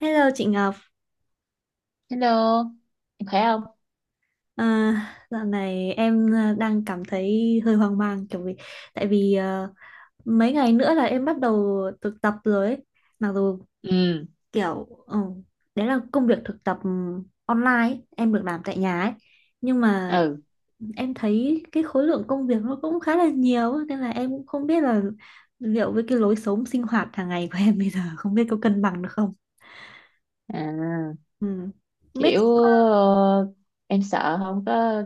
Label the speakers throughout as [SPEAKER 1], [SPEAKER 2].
[SPEAKER 1] Hello chị Ngọc,
[SPEAKER 2] Hello, em khỏe không?
[SPEAKER 1] à, dạo này em à, đang cảm thấy hơi hoang mang kiểu tại vì à, mấy ngày nữa là em bắt đầu thực tập rồi ấy. Mặc dù
[SPEAKER 2] Ừ,
[SPEAKER 1] kiểu ừ, đấy là công việc thực tập online ấy, em được làm tại nhà ấy nhưng mà
[SPEAKER 2] ừ,
[SPEAKER 1] em thấy cái khối lượng công việc nó cũng khá là nhiều ấy, nên là em cũng không biết là liệu với cái lối sống sinh hoạt hàng ngày của em bây giờ không biết có cân bằng được không.
[SPEAKER 2] à,
[SPEAKER 1] Ừ. Không biết.
[SPEAKER 2] kiểu ờ, em sợ không có,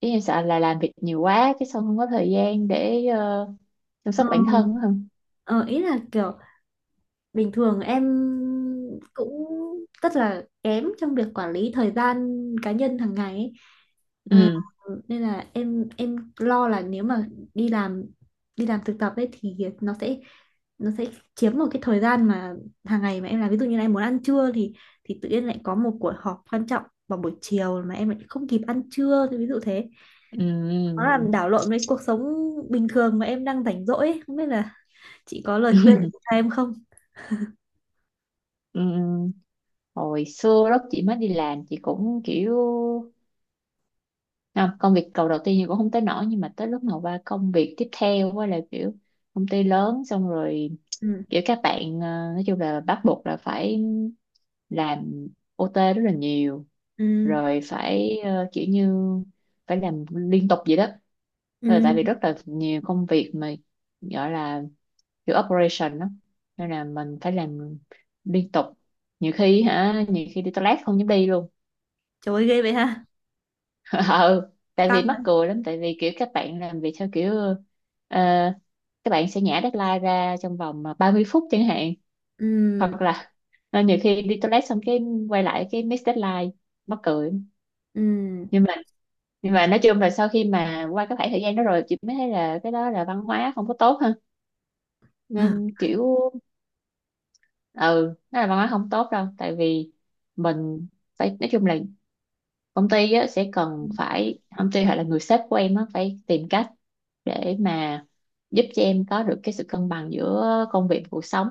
[SPEAKER 2] ý em sợ là làm việc nhiều quá cái xong không có thời gian để chăm
[SPEAKER 1] Ừ,
[SPEAKER 2] sóc bản thân á không?
[SPEAKER 1] ờ, ý là kiểu bình thường em cũng rất là kém trong việc quản lý thời gian cá nhân hàng ngày ấy. Ờ,
[SPEAKER 2] Ừ,
[SPEAKER 1] nên là em lo là nếu mà đi làm đi làm thực tập ấy thì nó sẽ chiếm một cái thời gian mà hàng ngày mà em làm, ví dụ như là em muốn ăn trưa thì tự nhiên lại có một cuộc họp quan trọng vào buổi chiều mà em lại không kịp ăn trưa, thì ví dụ thế. Nó
[SPEAKER 2] ừ,
[SPEAKER 1] làm đảo lộn với cuộc sống bình thường mà em đang rảnh rỗi ấy. Không biết là chị có lời
[SPEAKER 2] ừ,
[SPEAKER 1] khuyên cho em không.
[SPEAKER 2] ừ. Hồi xưa lúc chị mới đi làm chị cũng kiểu, không, công việc cầu đầu tiên thì cũng không tới nổi, nhưng mà tới lúc mà qua công việc tiếp theo á là kiểu công ty lớn xong rồi,
[SPEAKER 1] Ừ.
[SPEAKER 2] kiểu các bạn nói chung là bắt buộc là phải làm OT rất là nhiều,
[SPEAKER 1] Ừ.
[SPEAKER 2] rồi phải kiểu như phải làm liên tục vậy đó. Rồi tại
[SPEAKER 1] Ừ.
[SPEAKER 2] vì rất là nhiều công việc mà gọi là kiểu operation đó, nên là mình phải làm liên tục, nhiều khi hả, nhiều khi đi toilet không dám đi luôn.
[SPEAKER 1] Trời ơi, ghê vậy ha.
[SPEAKER 2] Ừ, tại vì
[SPEAKER 1] Căng rồi.
[SPEAKER 2] mắc cười lắm, tại vì kiểu các bạn làm việc theo kiểu ờ, các bạn sẽ nhả deadline ra trong vòng mà 30 phút chẳng hạn,
[SPEAKER 1] Ừ.
[SPEAKER 2] hoặc là nhiều khi đi toilet xong cái quay lại cái miss deadline, mắc cười.
[SPEAKER 1] Ừ.
[SPEAKER 2] Nhưng mà nhưng mà nói chung là sau khi mà qua cái khoảng thời gian đó rồi chị mới thấy là cái đó là văn hóa không có tốt ha,
[SPEAKER 1] Ừ.
[SPEAKER 2] nên kiểu ừ, nó là văn hóa không tốt đâu. Tại vì mình phải, nói chung là công ty á, sẽ cần phải, công ty hoặc là người sếp của em á, phải tìm cách để mà giúp cho em có được cái sự cân bằng giữa công việc và cuộc sống.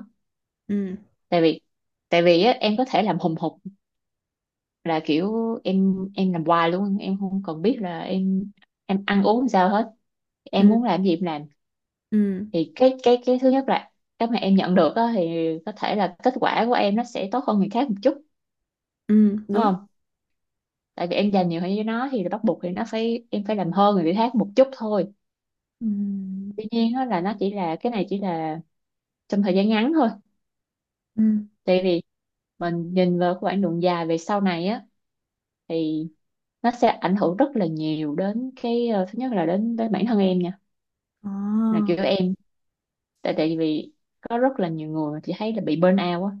[SPEAKER 1] Ừ.
[SPEAKER 2] Tại vì tại vì á, em có thể làm hùng hục, là kiểu em làm hoài luôn, em không cần biết là em ăn uống sao hết, em
[SPEAKER 1] Ừ.
[SPEAKER 2] muốn làm gì em làm.
[SPEAKER 1] Ừ.
[SPEAKER 2] Thì cái thứ nhất là cái mà em nhận được á, thì có thể là kết quả của em nó sẽ tốt hơn người khác một chút,
[SPEAKER 1] Ừ.
[SPEAKER 2] đúng
[SPEAKER 1] Đúng.
[SPEAKER 2] không? Tại vì em dành nhiều hơn gian cho nó thì bắt buộc thì nó phải, em phải làm hơn người khác một chút thôi.
[SPEAKER 1] Ừ.
[SPEAKER 2] Tuy nhiên á, là nó chỉ là, cái này chỉ là trong thời gian ngắn thôi.
[SPEAKER 1] Ừ.
[SPEAKER 2] Tại vì mình nhìn vào cái quãng đường dài về sau này á, thì nó sẽ ảnh hưởng rất là nhiều đến cái thứ nhất là đến, đến bản thân em nha. Là
[SPEAKER 1] Ồ.
[SPEAKER 2] kiểu em, tại tại vì có rất là nhiều người mà chị thấy là bị burn out á,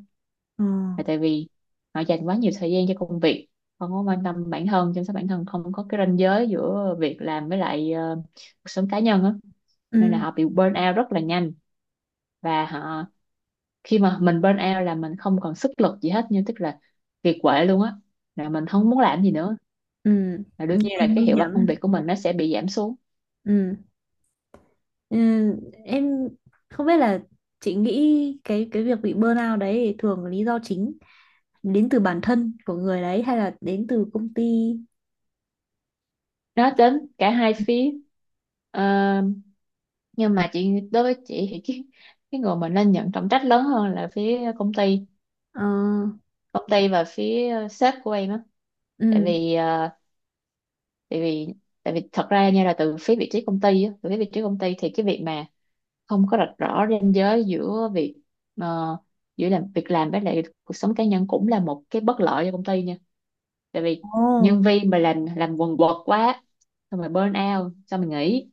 [SPEAKER 1] Ờ.
[SPEAKER 2] là tại vì họ dành quá nhiều thời gian cho công việc, không có quan tâm bản thân, chăm sóc bản thân, không có cái ranh giới giữa việc làm với lại cuộc sống cá nhân á, nên là
[SPEAKER 1] Ừ.
[SPEAKER 2] họ bị burn out rất là nhanh. Và họ, khi mà mình burn out là mình không còn sức lực gì hết, nhưng tức là kiệt quệ luôn á, là mình không muốn làm gì nữa,
[SPEAKER 1] Ừ.
[SPEAKER 2] là đương nhiên
[SPEAKER 1] Nghe
[SPEAKER 2] là cái
[SPEAKER 1] nguy
[SPEAKER 2] hiệu
[SPEAKER 1] hiểm.
[SPEAKER 2] quả công việc của mình nó sẽ bị giảm xuống.
[SPEAKER 1] Ừ. Ừ. Em không biết là chị nghĩ cái việc bị burnout đấy thì thường lý do chính đến từ bản thân của người đấy hay là đến từ công ty.
[SPEAKER 2] Nó đến cả hai phía. Ờ, nhưng mà chị, đối với chị thì cái người mà nên nhận trọng trách lớn hơn là phía công ty,
[SPEAKER 1] Ờ.
[SPEAKER 2] công ty và phía sếp của em á. tại
[SPEAKER 1] Ừ.
[SPEAKER 2] vì ờ, tại vì tại vì thật ra nha, là từ phía vị trí công ty á, từ phía vị trí công ty thì cái việc mà không có rạch rõ ranh giới giữa việc ờ, giữa làm việc, làm với lại cuộc sống cá nhân cũng là một cái bất lợi cho công ty nha. Tại vì
[SPEAKER 1] Ồ.
[SPEAKER 2] nhân viên mà làm quần quật quá, xong rồi burn out xong rồi nghỉ,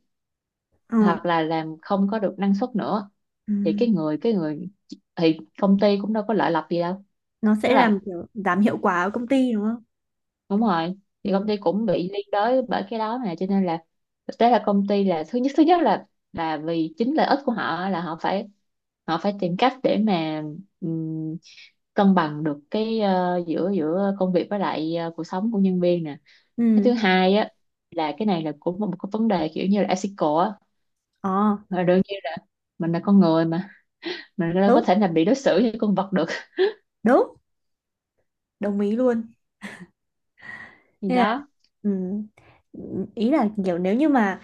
[SPEAKER 1] Ờ.
[SPEAKER 2] hoặc là làm không có được năng suất nữa,
[SPEAKER 1] Ừ.
[SPEAKER 2] thì cái người thì công ty cũng đâu có lợi lộc gì đâu.
[SPEAKER 1] Nó
[SPEAKER 2] Tức
[SPEAKER 1] sẽ làm
[SPEAKER 2] là,
[SPEAKER 1] kiểu giảm hiệu quả ở công ty đúng.
[SPEAKER 2] đúng rồi, thì
[SPEAKER 1] Ừ,
[SPEAKER 2] công ty cũng bị liên đới bởi cái đó, mà cho nên là thực tế là công ty là thứ nhất, thứ nhất là vì chính lợi ích của họ, là họ phải, họ phải tìm cách để mà ừm, cân bằng được cái giữa, giữa công việc với lại cuộc sống của nhân viên nè. Cái thứ
[SPEAKER 1] ừ,
[SPEAKER 2] hai á, là cái này là cũng một cái vấn đề kiểu như là ethical á.
[SPEAKER 1] ờ,
[SPEAKER 2] Mà đương nhiên là mình là con người mà, mình đâu có
[SPEAKER 1] đúng,
[SPEAKER 2] thể là bị đối xử như con vật được.
[SPEAKER 1] đúng, đồng ý luôn.
[SPEAKER 2] Gì
[SPEAKER 1] Nên là,
[SPEAKER 2] đó.
[SPEAKER 1] ừm, ý là kiểu nếu như mà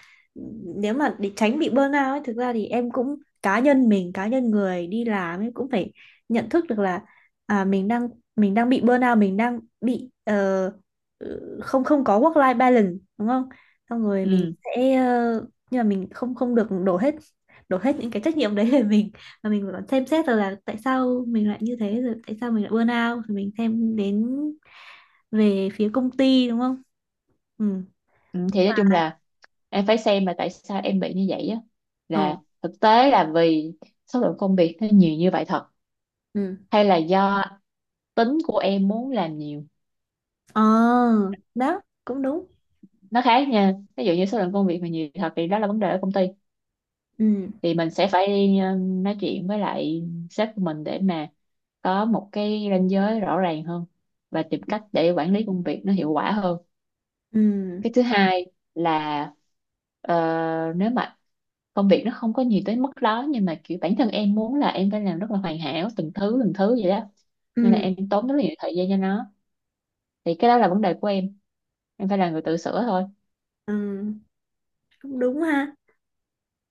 [SPEAKER 1] nếu mà để tránh bị burnout ấy, thực ra thì em cũng, cá nhân mình, cá nhân người đi làm ấy cũng phải nhận thức được là, à, mình đang, mình đang bị burnout, mình đang bị không không có work life balance, đúng không? Xong rồi mình
[SPEAKER 2] Ừ,
[SPEAKER 1] sẽ, nhưng mà mình không không được đổ hết những cái trách nhiệm đấy về mình, và mình phải còn xem xét rồi là tại sao mình lại như thế, rồi tại sao mình lại burnout, rồi mình xem đến về phía công ty, đúng không. Ừ.
[SPEAKER 2] ừ, thì nói chung là em phải xem là tại sao em bị như vậy á,
[SPEAKER 1] Ờ.
[SPEAKER 2] là thực tế là vì số lượng công việc nó nhiều như vậy thật,
[SPEAKER 1] Ừ.
[SPEAKER 2] hay là do tính của em muốn làm nhiều.
[SPEAKER 1] Ờ. Đó cũng đúng.
[SPEAKER 2] Nó khác nha. Ví dụ như số lượng công việc mà nhiều thật thì đó là vấn đề ở công ty,
[SPEAKER 1] Ừ.
[SPEAKER 2] thì mình sẽ phải đi nói chuyện với lại sếp của mình để mà có một cái ranh giới rõ ràng hơn, và tìm cách để quản lý công việc nó hiệu quả hơn.
[SPEAKER 1] Ừ.
[SPEAKER 2] Cái thứ hai là ờ, nếu mà công việc nó không có nhiều tới mức đó, nhưng mà kiểu bản thân em muốn là em phải làm rất là hoàn hảo từng thứ vậy đó, nên là
[SPEAKER 1] Ừ.
[SPEAKER 2] em tốn rất là nhiều thời gian cho nó, thì cái đó là vấn đề của em phải là người tự sửa thôi.
[SPEAKER 1] Ừ. Cũng đúng ha.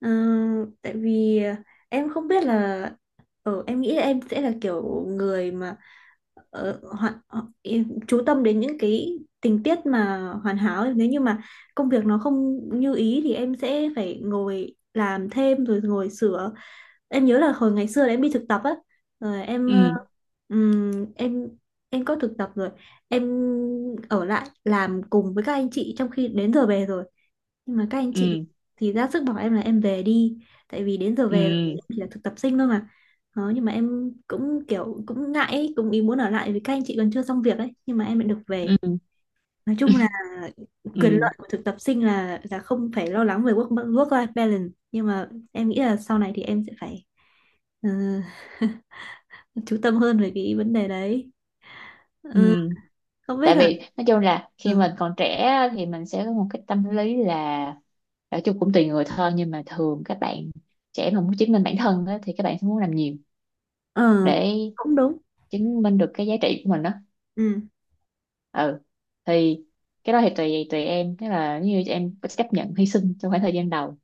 [SPEAKER 1] Ờ, tại vì em không biết là, ở, em nghĩ là em sẽ là kiểu người mà, em chú tâm đến những cái tình tiết mà hoàn hảo ấy. Nếu như mà công việc nó không như ý thì em sẽ phải ngồi làm thêm rồi ngồi sửa. Em nhớ là hồi ngày xưa là em đi thực tập á, rồi em,
[SPEAKER 2] Ừ,
[SPEAKER 1] ừm, em em có thực tập rồi, em ở lại làm cùng với các anh chị trong khi đến giờ về rồi, nhưng mà các anh chị
[SPEAKER 2] ừ,
[SPEAKER 1] thì ra sức bảo em là em về đi, tại vì đến giờ về rồi,
[SPEAKER 2] ừ,
[SPEAKER 1] em chỉ là thực tập sinh thôi mà. Đó, nhưng mà em cũng kiểu cũng ngại ấy, cũng ý muốn ở lại vì các anh chị còn chưa xong việc ấy nhưng mà em lại được về.
[SPEAKER 2] ừ,
[SPEAKER 1] Nói chung là quyền lợi
[SPEAKER 2] ừ,
[SPEAKER 1] của thực tập sinh là không phải lo lắng về work work life balance, nhưng mà em nghĩ là sau này thì em sẽ phải, ờ, chú tâm hơn về cái vấn đề đấy.
[SPEAKER 2] ừ,
[SPEAKER 1] Ờ, không biết
[SPEAKER 2] tại
[SPEAKER 1] là.
[SPEAKER 2] vì nói chung là khi
[SPEAKER 1] Ừ.
[SPEAKER 2] mình còn trẻ á, thì mình sẽ có một cái tâm lý là, nói chung cũng tùy người thôi, nhưng mà thường các bạn trẻ mà muốn chứng minh bản thân á, thì các bạn sẽ muốn làm nhiều
[SPEAKER 1] Ờ.
[SPEAKER 2] để
[SPEAKER 1] Cũng đúng.
[SPEAKER 2] chứng minh được cái giá trị của mình đó.
[SPEAKER 1] Ừ.
[SPEAKER 2] Ừ, thì cái đó thì tùy tùy em, tức là nếu như em có chấp nhận hy sinh trong khoảng thời gian đầu,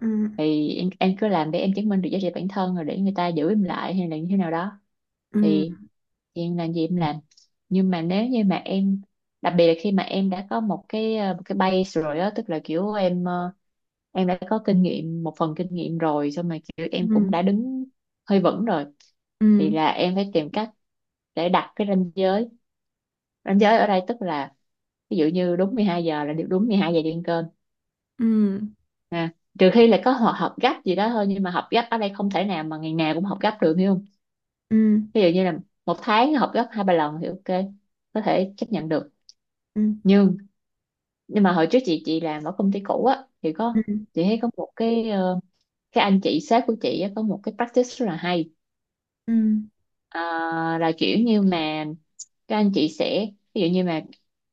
[SPEAKER 1] Ừ.
[SPEAKER 2] thì em cứ làm để em chứng minh được giá trị bản thân rồi để người ta giữ em lại hay là như thế nào đó,
[SPEAKER 1] Ừ.
[SPEAKER 2] thì em làm gì em làm. Nhưng mà nếu như mà em, đặc biệt là khi mà em đã có một cái một cái base rồi á, tức là kiểu em em đã có kinh nghiệm, một phần kinh nghiệm rồi, xong mà kiểu em cũng
[SPEAKER 1] Ừ.
[SPEAKER 2] đã đứng hơi vững rồi, thì
[SPEAKER 1] Ừ.
[SPEAKER 2] là em phải tìm cách để đặt cái ranh giới. Ranh giới ở đây tức là ví dụ như đúng 12 giờ là được, đúng 12 giờ đi ăn cơm
[SPEAKER 1] Ừ.
[SPEAKER 2] ha, trừ khi là có họ, họp gấp gì đó thôi, nhưng mà họp gấp ở đây không thể nào mà ngày nào cũng họp gấp được, hiểu không?
[SPEAKER 1] Ừ.
[SPEAKER 2] Ví dụ như là một tháng họp gấp hai ba lần thì OK, có thể chấp nhận được.
[SPEAKER 1] Ừ.
[SPEAKER 2] Nhưng nhưng mà hồi trước chị làm ở công ty cũ á thì có,
[SPEAKER 1] Ừ.
[SPEAKER 2] chị thấy có một cái cái anh chị sếp của chị á, có một cái practice rất là hay.
[SPEAKER 1] Ừ.
[SPEAKER 2] à, là kiểu như mà các anh chị sẽ, ví dụ như mà,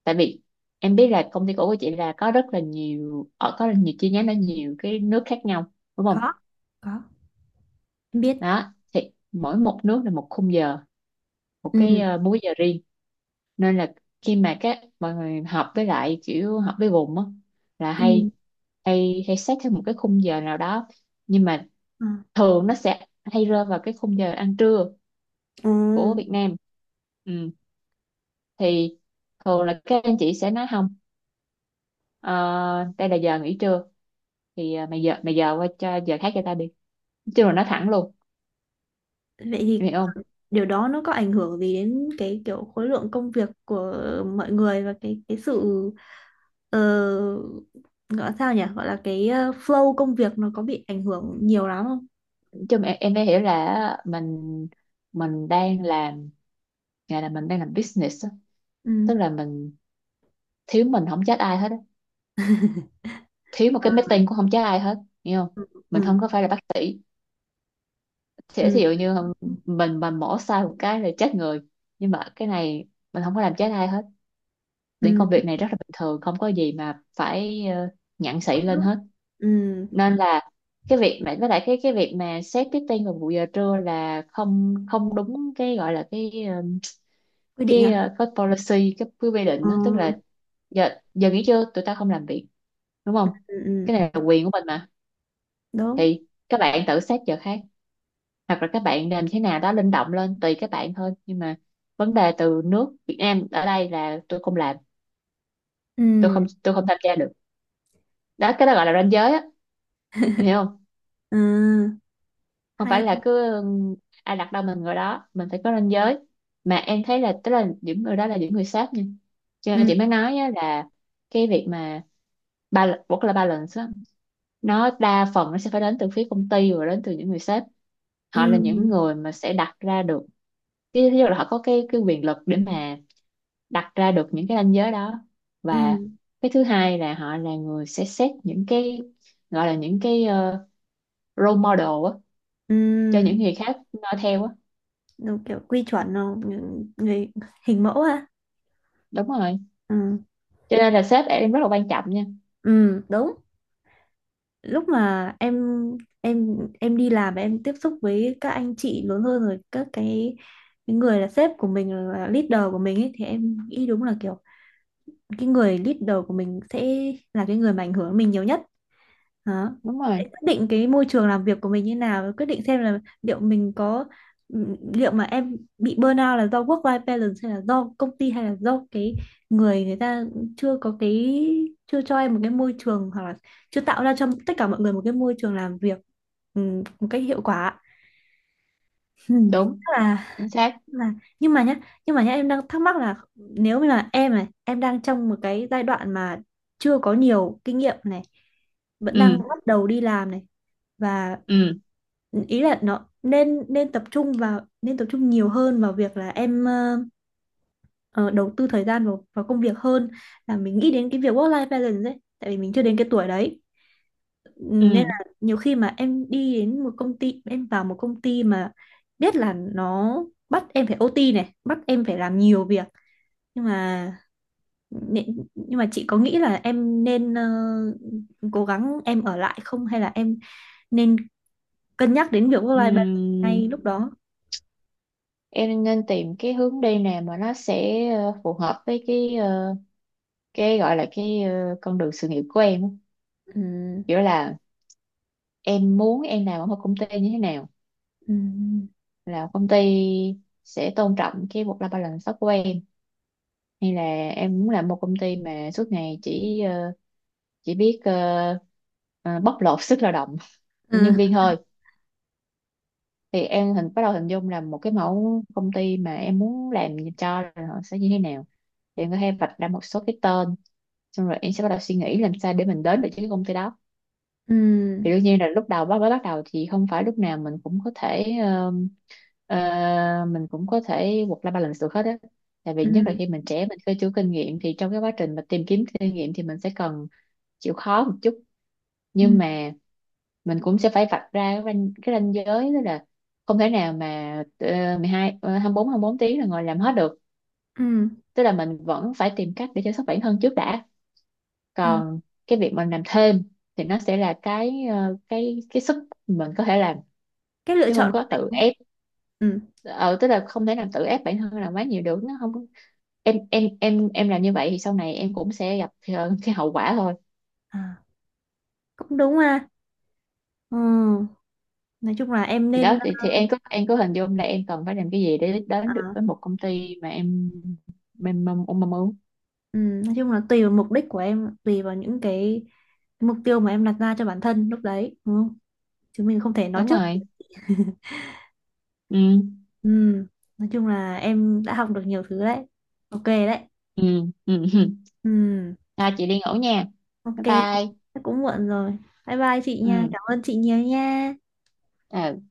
[SPEAKER 2] tại vì em biết là công ty cũ của chị là có rất là nhiều ở, có rất nhiều chi nhánh ở nhiều cái nước khác nhau đúng
[SPEAKER 1] có
[SPEAKER 2] không.
[SPEAKER 1] có, em biết.
[SPEAKER 2] Đó, thì mỗi một nước là một khung giờ, một cái
[SPEAKER 1] Ừ.
[SPEAKER 2] múi giờ riêng. Nên là khi mà các, mọi người học với lại kiểu học với vùng á, là
[SPEAKER 1] Ừ.
[SPEAKER 2] hay hay hay xét theo một cái khung giờ nào đó, nhưng mà
[SPEAKER 1] Ờ.
[SPEAKER 2] thường nó sẽ hay rơi vào cái khung giờ ăn trưa
[SPEAKER 1] Ừ.
[SPEAKER 2] của Việt Nam. Ừ. Thì thường là các anh chị sẽ nói không, ờ, đây là giờ nghỉ trưa, thì mày giờ, mày giờ qua cho giờ khác cho tao đi, nói chung là nói thẳng luôn,
[SPEAKER 1] Vậy thì
[SPEAKER 2] em hiểu không?
[SPEAKER 1] điều đó nó có ảnh hưởng gì đến cái kiểu khối lượng công việc của mọi người và cái sự, ờ, gọi là sao nhỉ, gọi là cái, ờ, flow công việc nó có bị ảnh hưởng nhiều lắm không.
[SPEAKER 2] Nói chung em mới hiểu là mình đang làm, gọi là mình đang làm business á.
[SPEAKER 1] Ừ.
[SPEAKER 2] Tức là mình thiếu mình không trách ai hết á, thiếu một cái meeting cũng không chết ai hết. Hiểu không?
[SPEAKER 1] Ừ.
[SPEAKER 2] Mình không có phải là bác sĩ, sẽ
[SPEAKER 1] Ừ.
[SPEAKER 2] thí dụ như mình mà mổ sai một cái là chết người, nhưng mà cái này mình không có làm chết ai hết. Những
[SPEAKER 1] Ừ.
[SPEAKER 2] công việc này rất là bình thường, không có gì mà phải nhặng xị lên hết.
[SPEAKER 1] Ừ. Ừ.
[SPEAKER 2] Nên là cái việc mà với lại cái việc mà xét meeting vào buổi giờ trưa là không không đúng cái gọi là cái ờ,
[SPEAKER 1] Quy định
[SPEAKER 2] cái
[SPEAKER 1] à.
[SPEAKER 2] ờ, cái policy, cái quy
[SPEAKER 1] Ừ.
[SPEAKER 2] định đó. Tức là giờ giờ nghỉ trưa tụi ta không làm việc, đúng không?
[SPEAKER 1] Ừ. Ừ,
[SPEAKER 2] Cái này là quyền của mình mà,
[SPEAKER 1] đúng.
[SPEAKER 2] thì các bạn tự xét giờ khác hoặc là các bạn làm thế nào đó linh động lên tùy các bạn thôi. Nhưng mà vấn đề từ nước Việt Nam ở đây là tôi không làm, tôi không
[SPEAKER 1] Ừ.
[SPEAKER 2] tôi không tham gia được. Đó, cái đó gọi là ranh giới á, em hiểu không?
[SPEAKER 1] Ừ.
[SPEAKER 2] Không
[SPEAKER 1] Hay
[SPEAKER 2] phải là
[SPEAKER 1] ha.
[SPEAKER 2] cứ ai đặt đâu mình ngồi đó, mình phải có ranh giới. Mà em thấy là, tức là những người đó là những người sếp nha, cho nên
[SPEAKER 1] Ừ.
[SPEAKER 2] chị mới nói á, là cái việc mà ba, work life balance á, nó đa phần nó sẽ phải đến từ phía công ty và đến từ những người sếp. Họ
[SPEAKER 1] Ừ.
[SPEAKER 2] là những người mà sẽ đặt ra được. Cái- Tức là họ có cái quyền lực để mà đặt ra được những cái ranh giới đó.
[SPEAKER 1] Ừ.
[SPEAKER 2] Và cái thứ hai là họ là người sẽ xét những cái, gọi là những cái, role model á, cho
[SPEAKER 1] Ừ.
[SPEAKER 2] những người khác noi theo á.
[SPEAKER 1] Đúng kiểu quy chuẩn. Không người, người hình mẫu ha.
[SPEAKER 2] Đúng rồi,
[SPEAKER 1] Ừ.
[SPEAKER 2] cho nên là sếp em rất là quan trọng nha.
[SPEAKER 1] Ừ. Đúng. Lúc mà em đi làm và em tiếp xúc với các anh chị lớn hơn, rồi các cái người là sếp của mình, là leader của mình ấy, thì em nghĩ đúng là kiểu cái người leader của mình sẽ là cái người mà ảnh hưởng mình nhiều nhất đó.
[SPEAKER 2] Đúng rồi.
[SPEAKER 1] Để quyết định cái môi trường làm việc của mình như nào, và quyết định xem là liệu mình có, liệu mà em bị burnout là do work life balance, hay là do công ty, hay là do cái người người ta chưa có cái chưa cho em một cái môi trường, hoặc là chưa tạo ra cho tất cả mọi người một cái môi trường làm việc, ừ, một cách hiệu quả. Ừ.
[SPEAKER 2] Đúng.
[SPEAKER 1] Chắc là
[SPEAKER 2] Chính xác.
[SPEAKER 1] là. Nhưng mà nhá nhưng mà nhá em đang thắc mắc là, nếu như là em này, em đang trong một cái giai đoạn mà chưa có nhiều kinh nghiệm này, vẫn đang
[SPEAKER 2] Ừ.
[SPEAKER 1] bắt đầu đi làm này, và
[SPEAKER 2] Ừ.
[SPEAKER 1] ý là nó nên nên tập trung nhiều hơn vào việc là em, ờ, đầu tư thời gian vào, công việc hơn là mình nghĩ đến cái việc work life balance ấy, tại vì mình chưa đến cái tuổi đấy, nên
[SPEAKER 2] Ừ.
[SPEAKER 1] là nhiều khi mà em đi đến một công ty, em vào một công ty mà biết là nó bắt em phải OT này, bắt em phải làm nhiều việc, nhưng mà nhưng mà chị có nghĩ là em nên, cố gắng em ở lại không, hay là em nên cân nhắc đến việc work life
[SPEAKER 2] Ừ.
[SPEAKER 1] balance ngay lúc đó.
[SPEAKER 2] Em nên tìm cái hướng đi nào mà nó sẽ phù hợp với cái, cái gọi là cái, con đường sự nghiệp của em á.
[SPEAKER 1] Ừ.
[SPEAKER 2] Kiểu là em muốn em làm ở một công ty như thế nào,
[SPEAKER 1] Ừ.
[SPEAKER 2] là công ty sẽ tôn trọng cái work-life balance đó của em, hay là em muốn làm một công ty mà suốt ngày chỉ chỉ biết ờ, bóc lột sức lao động của nhân
[SPEAKER 1] Ừ.
[SPEAKER 2] viên thôi. Thì em hình bắt đầu hình dung là một cái mẫu công ty mà em muốn làm cho là họ sẽ như thế nào, thì em có thể vạch ra một số cái tên, xong rồi em sẽ bắt đầu suy nghĩ làm sao để mình đến được với cái công ty đó.
[SPEAKER 1] Ừ.
[SPEAKER 2] Thì đương nhiên là lúc đầu bắt mới bắt đầu thì không phải lúc nào mình cũng có thể mình cũng có thể work life balance được hết á, tại vì nhất là
[SPEAKER 1] Ừ.
[SPEAKER 2] khi mình trẻ mình chưa chưa kinh nghiệm thì trong cái quá trình mà tìm kiếm kinh nghiệm thì mình sẽ cần chịu khó một chút.
[SPEAKER 1] Ừ.
[SPEAKER 2] Nhưng mà mình cũng sẽ phải vạch ra cái ranh giới đó, là không thể nào mà 12 24 24 tiếng là ngồi làm hết được.
[SPEAKER 1] Ừ.
[SPEAKER 2] Tức là mình vẫn phải tìm cách để chăm sóc bản thân trước đã,
[SPEAKER 1] Ờ,
[SPEAKER 2] còn cái việc mình làm thêm thì nó sẽ là cái, cái sức mình có thể làm,
[SPEAKER 1] cái lựa
[SPEAKER 2] chứ không
[SPEAKER 1] chọn của
[SPEAKER 2] có
[SPEAKER 1] mình
[SPEAKER 2] tự
[SPEAKER 1] đúng.
[SPEAKER 2] ép.
[SPEAKER 1] Ừ.
[SPEAKER 2] Ờ tức là không thể làm tự ép bản thân làm quá nhiều được, nó không có- em làm như vậy thì sau này em cũng sẽ gặp cái hậu quả thôi.
[SPEAKER 1] À, cũng đúng ha. Ừ. Nói chung là em
[SPEAKER 2] Thì đó
[SPEAKER 1] nên.
[SPEAKER 2] thì em có, em có hình dung là em cần phải làm cái gì để
[SPEAKER 1] À.
[SPEAKER 2] đến được với một công ty mà em mong muốn.
[SPEAKER 1] Ừ, nói chung là tùy vào mục đích của em, tùy vào những cái mục tiêu mà em đặt ra cho bản thân lúc đấy, đúng không? Chứ mình không thể nói
[SPEAKER 2] Đúng
[SPEAKER 1] trước.
[SPEAKER 2] rồi. Ừ.
[SPEAKER 1] Ừ, nói chung là em đã học được nhiều thứ đấy. Ok đấy.
[SPEAKER 2] Ừ. Ừ.
[SPEAKER 1] Ừ,
[SPEAKER 2] Ha, chị đi ngủ nha.
[SPEAKER 1] ok,
[SPEAKER 2] Bye
[SPEAKER 1] chị.
[SPEAKER 2] bye.
[SPEAKER 1] Chắc cũng muộn rồi. Bye bye chị nha.
[SPEAKER 2] Ừ.
[SPEAKER 1] Cảm ơn chị nhiều nha.
[SPEAKER 2] Ừ.